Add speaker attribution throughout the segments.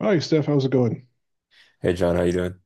Speaker 1: Hi, Steph. How's it going?
Speaker 2: Hey John, how you doing?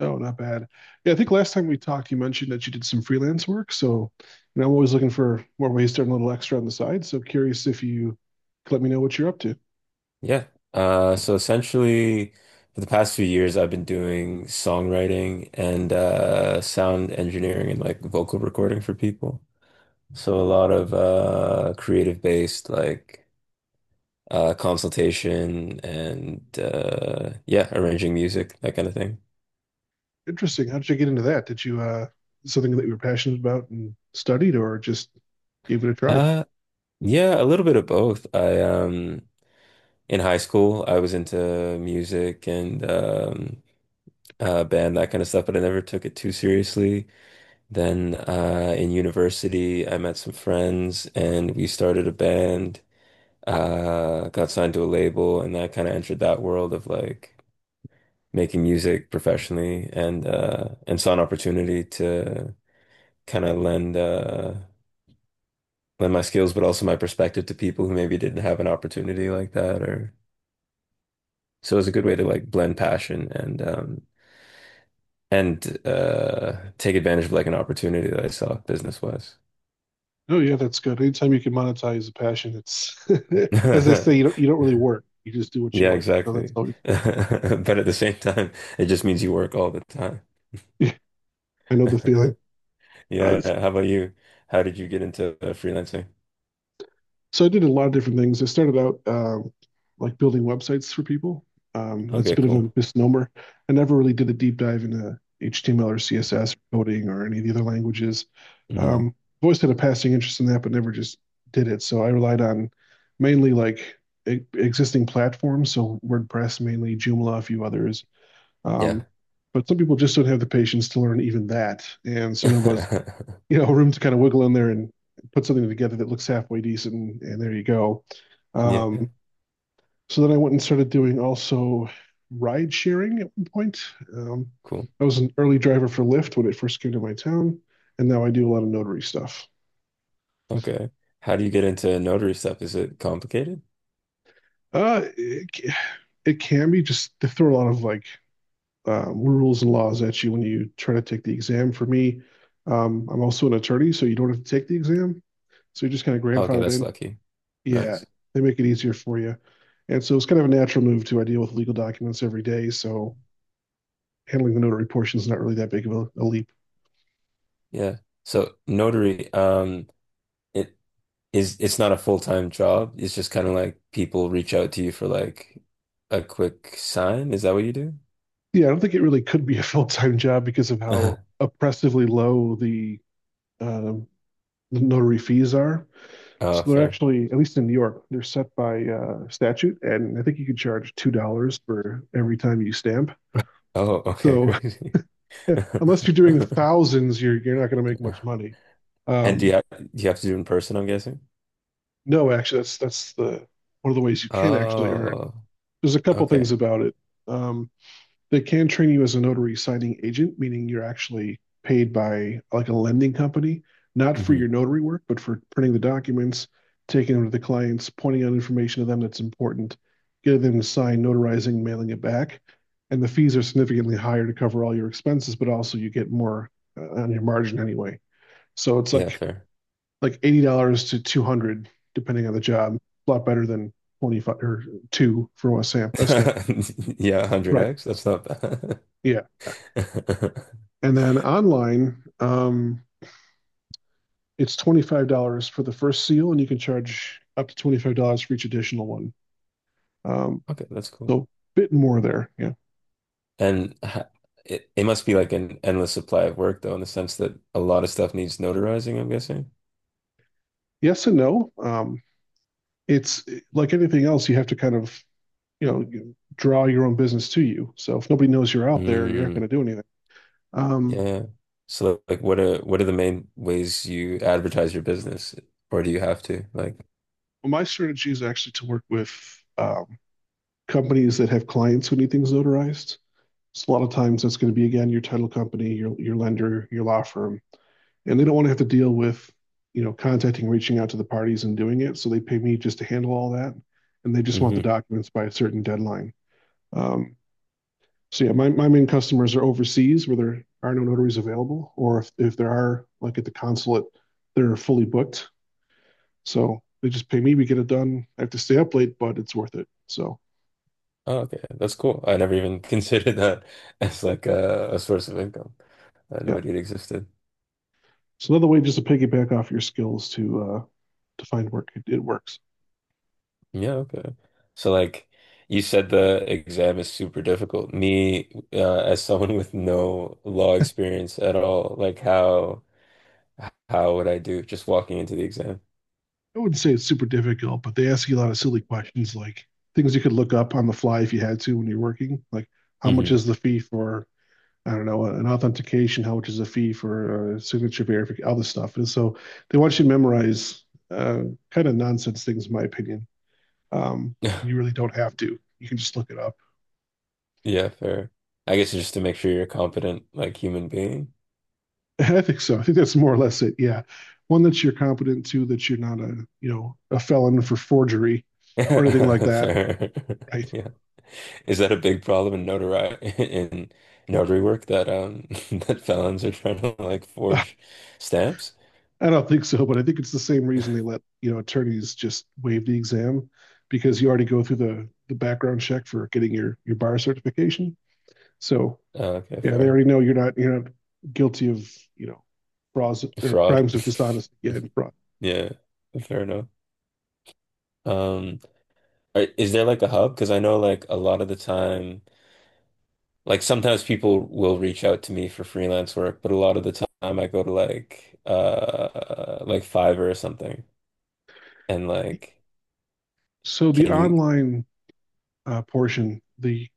Speaker 1: Oh, not bad. Yeah, I think last time we talked, you mentioned that you did some freelance work. So, I'm always looking for more ways to earn a little extra on the side. So curious if you could let me know what you're up to.
Speaker 2: Yeah. So essentially, for the past few years, I've been doing songwriting and sound engineering and like vocal recording for people. So a lot of creative based like consultation and yeah, arranging music, that kind of thing.
Speaker 1: Interesting. How did you get into that? Did you something that you were passionate about and studied or just gave it a try?
Speaker 2: Uh, yeah, a little bit of both. I in high school, I was into music and band, that kind of stuff, but I never took it too seriously. Then in university, I met some friends and we started a band, got signed to a label, and that kind of entered that world of like making music professionally and and saw an opportunity to kind of lend my skills, but also my perspective to people who maybe didn't have an opportunity like that, or so it was a good way to like blend passion and take advantage of like an opportunity that I saw business-wise.
Speaker 1: Oh yeah, that's good. Anytime you can monetize a passion, it's as they say, you don't you don't really work. You just do what you
Speaker 2: Yeah,
Speaker 1: like. So that's
Speaker 2: exactly.
Speaker 1: always good.
Speaker 2: But at the same time, it just means you work all the time.
Speaker 1: I know the feeling.
Speaker 2: Yeah, yeah. How about you? How did you get into freelancing?
Speaker 1: So I did a lot of different things. I started out like building websites for people. It's a
Speaker 2: Okay,
Speaker 1: bit of
Speaker 2: cool.
Speaker 1: a misnomer. I never really did a deep dive into HTML or CSS coding or any of the other languages. Um,
Speaker 2: Hmm.
Speaker 1: I've always had a passing interest in that, but never just did it. So I relied on mainly e existing platforms, so WordPress mainly, Joomla, a few others.
Speaker 2: Yeah.
Speaker 1: Um, but some people just don't have the patience to learn even that, and so there was room to kind of wiggle in there and put something together that looks halfway decent, and there you go.
Speaker 2: Yeah,
Speaker 1: Um, so then I went and started doing also ride sharing at one point. Um,
Speaker 2: cool.
Speaker 1: I was an early driver for Lyft when it first came to my town, and now I do a lot of notary stuff.
Speaker 2: Okay. How do you get into notary stuff? Is it complicated?
Speaker 1: Uh, it, it can be just they throw a lot of rules and laws at you when you try to take the exam. For me, I'm also an attorney, so you don't have to take the exam. So you're just kind of
Speaker 2: Okay,
Speaker 1: grandfathered
Speaker 2: that's
Speaker 1: in.
Speaker 2: lucky.
Speaker 1: Yeah,
Speaker 2: Nice.
Speaker 1: they make it easier for you. And so it's kind of a natural move to I deal with legal documents every day. So handling the notary portion is not really that big of a leap.
Speaker 2: Yeah. So notary, it is it's not a full-time job. It's just kind of like people reach out to you for like a quick sign. Is that what you do?
Speaker 1: Yeah, I don't think it really could be a full time job because of how oppressively low um, the notary fees are.
Speaker 2: Oh,
Speaker 1: So they're
Speaker 2: fair.
Speaker 1: actually, at least in New York, they're set by statute. And I think you can charge $2 for every time you stamp.
Speaker 2: Oh, okay,
Speaker 1: So
Speaker 2: crazy.
Speaker 1: unless you're doing thousands, you're not going to make much money.
Speaker 2: And
Speaker 1: Um,
Speaker 2: do you have to do it in person, I'm guessing?
Speaker 1: no, actually, that's one of the ways you can actually earn
Speaker 2: Oh,
Speaker 1: there's a couple things
Speaker 2: okay.
Speaker 1: about it. Um, they can train you as a notary signing agent, meaning you're actually paid by like a lending company, not for your
Speaker 2: Hmm.
Speaker 1: notary work, but for printing the documents, taking them to the clients, pointing out information to them that's important, getting them to sign, notarizing, mailing it back. And the fees are significantly higher to cover all your expenses, but also you get more on your margin anyway. So it's
Speaker 2: Yeah,
Speaker 1: like
Speaker 2: fair.
Speaker 1: like $80 to 200, dollars, depending on the job. A lot better than 25 or two for a stamp. A stamp.
Speaker 2: Yeah,
Speaker 1: Right.
Speaker 2: 100x. That's not bad.
Speaker 1: Yeah. And then online, it's $25 for the first seal, and you can charge up to $25 for each additional one. Um,
Speaker 2: Okay, that's cool.
Speaker 1: so a bit more there. Yeah.
Speaker 2: And ha- it, it must be like an endless supply of work, though, in the sense that a lot of stuff needs notarizing, I'm guessing.
Speaker 1: Yes and no. It's like anything else, you have to kind of, you know, you draw your own business to you. So if nobody knows you're out there, you're not
Speaker 2: Mm,
Speaker 1: going to do anything. Um,
Speaker 2: yeah. So, like, what are the main ways you advertise your business, or do you have to like?
Speaker 1: well, my strategy is actually to work with um, companies that have clients who need things notarized. So a lot of times that's going to be again your title company, your lender, your law firm, and they don't want to have to deal with contacting, reaching out to the parties, and doing it. So they pay me just to handle all that, and they just want the documents by a certain deadline. Um, so yeah, my main customers are overseas where there are no notaries available, or if there are, like at the consulate, they're fully booked. So they just pay me, we get it done. I have to stay up late, but it's worth it. So
Speaker 2: Oh, okay. That's cool. I never even considered that as like a source of income. I had no
Speaker 1: yeah,
Speaker 2: idea it existed.
Speaker 1: it's another way just to piggyback off your skills to find work. It works.
Speaker 2: Yeah, okay. So like you said the exam is super difficult. Me, as someone with no law experience at all, like how would I do just walking into the exam?
Speaker 1: I wouldn't say it's super difficult, but they ask you a lot of silly questions like things you could look up on the fly if you had to when you're working. Like, how much
Speaker 2: Hmm.
Speaker 1: is the fee for, I don't know, an authentication? How much is the fee for signature verification? All this stuff. And so they want you to memorize uh, kind of nonsense things, in my opinion. Um, you really don't have to. You can just look it up.
Speaker 2: Yeah, fair. I guess just to make sure you're a competent like human being.
Speaker 1: I think so. I think that's more or less it. Yeah. One that you're competent to, that you're not a, you know, a felon for forgery or anything like that.
Speaker 2: Fair.
Speaker 1: Right.
Speaker 2: Yeah. Is that a big problem in notari in notary work that that felons are trying to like forge stamps?
Speaker 1: I don't think so, but I think it's the same reason they let, you know, attorneys just waive the exam because you already go through the background check for getting your bar certification. So
Speaker 2: Okay,
Speaker 1: yeah, they
Speaker 2: fair.
Speaker 1: already know you're not guilty of, you know, frauds or
Speaker 2: Fraud.
Speaker 1: crimes of dishonesty, yeah, and fraud.
Speaker 2: Yeah, fair enough. Um, is there like a hub? Because I know like a lot of the time, like sometimes people will reach out to me for freelance work, but a lot of the time I go to like like Fiverr or something and like
Speaker 1: So the
Speaker 2: can you
Speaker 1: online portion,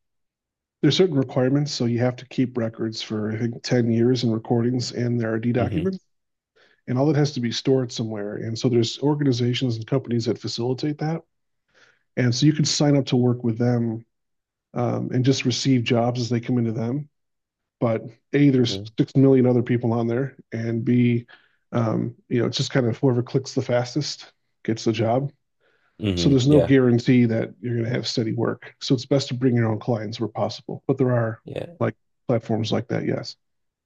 Speaker 1: there's certain requirements. So you have to keep records for I think 10 years and recordings and their RD
Speaker 2: mm-hmm.
Speaker 1: documents. And all that has to be stored somewhere. And so there's organizations and companies that facilitate that. And so you can sign up to work with them, and just receive jobs as they come into them. But A, there's 6 million other people on there. And B, you know, it's just kind of whoever clicks the fastest gets the job. So
Speaker 2: Mm-hmm.
Speaker 1: there's no
Speaker 2: Yeah.
Speaker 1: guarantee that you're going to have steady work. So it's best to bring your own clients where possible. But there are
Speaker 2: Yeah,
Speaker 1: like platforms like that, yes.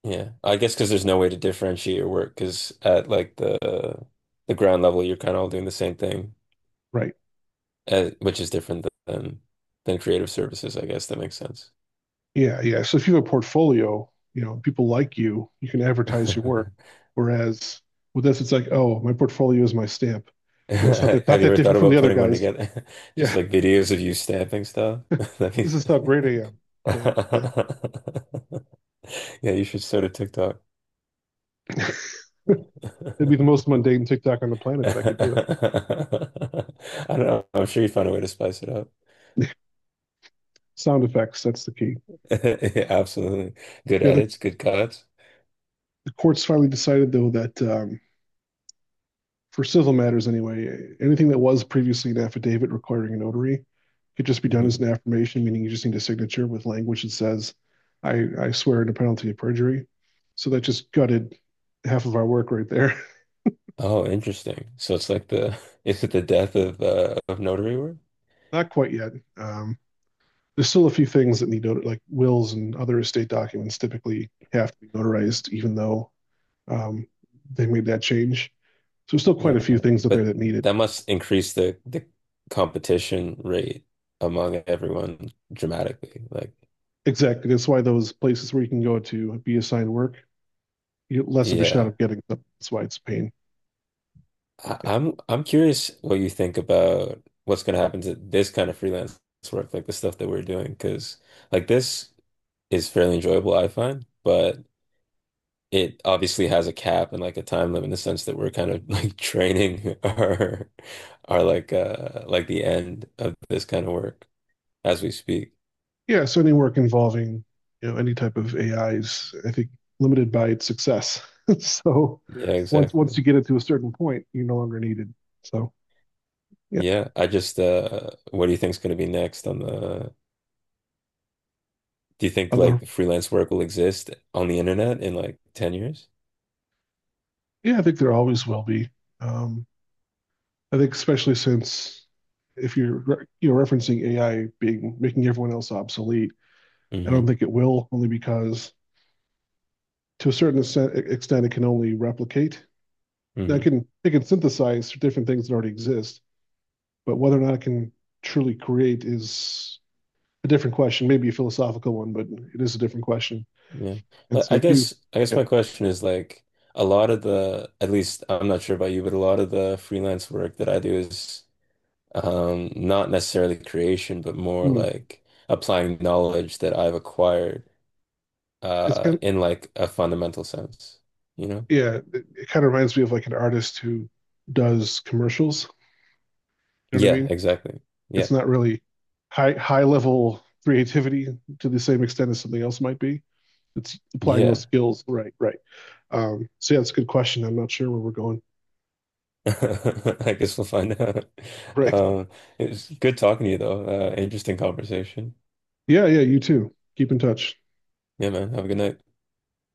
Speaker 2: yeah. I guess because there's no way to differentiate your work because at like the ground level, you're kind of all doing the same thing,
Speaker 1: Right.
Speaker 2: which is different than creative services. I guess that makes sense.
Speaker 1: Yeah, yeah. So if you have a portfolio, you know, people like you can advertise your work. Whereas with this, it's like, oh, my portfolio is my stamp. You know, it's not
Speaker 2: Have you
Speaker 1: that
Speaker 2: ever thought
Speaker 1: different from the
Speaker 2: about
Speaker 1: other
Speaker 2: putting one
Speaker 1: guys.
Speaker 2: together? Just
Speaker 1: Yeah,
Speaker 2: like videos of you stamping stuff? That
Speaker 1: this
Speaker 2: means
Speaker 1: is how great I am. Stamp, stamp.
Speaker 2: Yeah, you should start a TikTok.
Speaker 1: It'd be the most mundane TikTok on the planet, but I could do it.
Speaker 2: I don't know. I'm sure you'd find a way to spice it up.
Speaker 1: Sound effects, that's the key.
Speaker 2: Absolutely. Good
Speaker 1: Yeah,
Speaker 2: edits, good cuts.
Speaker 1: the courts finally decided though that for civil matters anyway, anything that was previously an affidavit requiring a notary could just be done
Speaker 2: Hmm.
Speaker 1: as an affirmation, meaning you just need a signature with language that says, I swear under penalty of perjury. So that just gutted half of our work right there.
Speaker 2: Oh, interesting. So it's like the is it the death of notary work?
Speaker 1: Not quite yet. Um, there's still a few things that need not- like wills and other estate documents typically have to be notarized, even though um, they made that change. So there's still
Speaker 2: Yeah.
Speaker 1: quite a few things out there
Speaker 2: But
Speaker 1: that need it.
Speaker 2: that must increase the competition rate among everyone dramatically. Like,
Speaker 1: Exactly. That's why those places where you can go to be assigned work less of a shot
Speaker 2: yeah.
Speaker 1: of getting them. That's why it's a pain. Yeah.
Speaker 2: I'm curious what you think about what's going to happen to this kind of freelance work, like the stuff that we're doing, because like this is fairly enjoyable, I find, but it obviously has a cap and like a time limit in the sense that we're kind of like training our the end of this kind of work as we speak.
Speaker 1: Yeah. So any work involving any type of AI is I think limited by its success. so
Speaker 2: Yeah,
Speaker 1: once
Speaker 2: exactly.
Speaker 1: you get it to a certain point, you're no longer needed. So yeah,
Speaker 2: Yeah, I just what do you think's going to be next on the do you think
Speaker 1: other
Speaker 2: like freelance work will exist on the internet in like 10 years?
Speaker 1: yeah, I think there always will be. Um, I think especially since if you're referencing AI being making everyone else obsolete, I don't
Speaker 2: Hmm.
Speaker 1: think it will only because to a certain extent it can only replicate. Now
Speaker 2: Hmm.
Speaker 1: it can synthesize different things that already exist, but whether or not it can truly create is a different question, maybe a philosophical one, but it is a different question.
Speaker 2: Yeah.
Speaker 1: And
Speaker 2: Well,
Speaker 1: so if you,
Speaker 2: I guess
Speaker 1: yeah,
Speaker 2: my question is like a lot of the at least I'm not sure about you, but a lot of the freelance work that I do is, um, not necessarily creation, but more
Speaker 1: mm,
Speaker 2: like applying knowledge that I've acquired
Speaker 1: it's kind of,
Speaker 2: in like a fundamental sense, you know?
Speaker 1: yeah, it kind of reminds me of like an artist who does commercials. You know what I
Speaker 2: Yeah,
Speaker 1: mean?
Speaker 2: exactly. Yeah.
Speaker 1: It's not really high level creativity to the same extent as something else might be. It's applying those
Speaker 2: Yeah.
Speaker 1: skills. Right, right. So yeah, it's a good question. I'm not sure where we're going.
Speaker 2: I guess we'll find out.
Speaker 1: Right.
Speaker 2: Um, it was good talking to you though. Interesting conversation.
Speaker 1: Yeah, yeah, you too. Keep in touch.
Speaker 2: Yeah, man. Have a good night.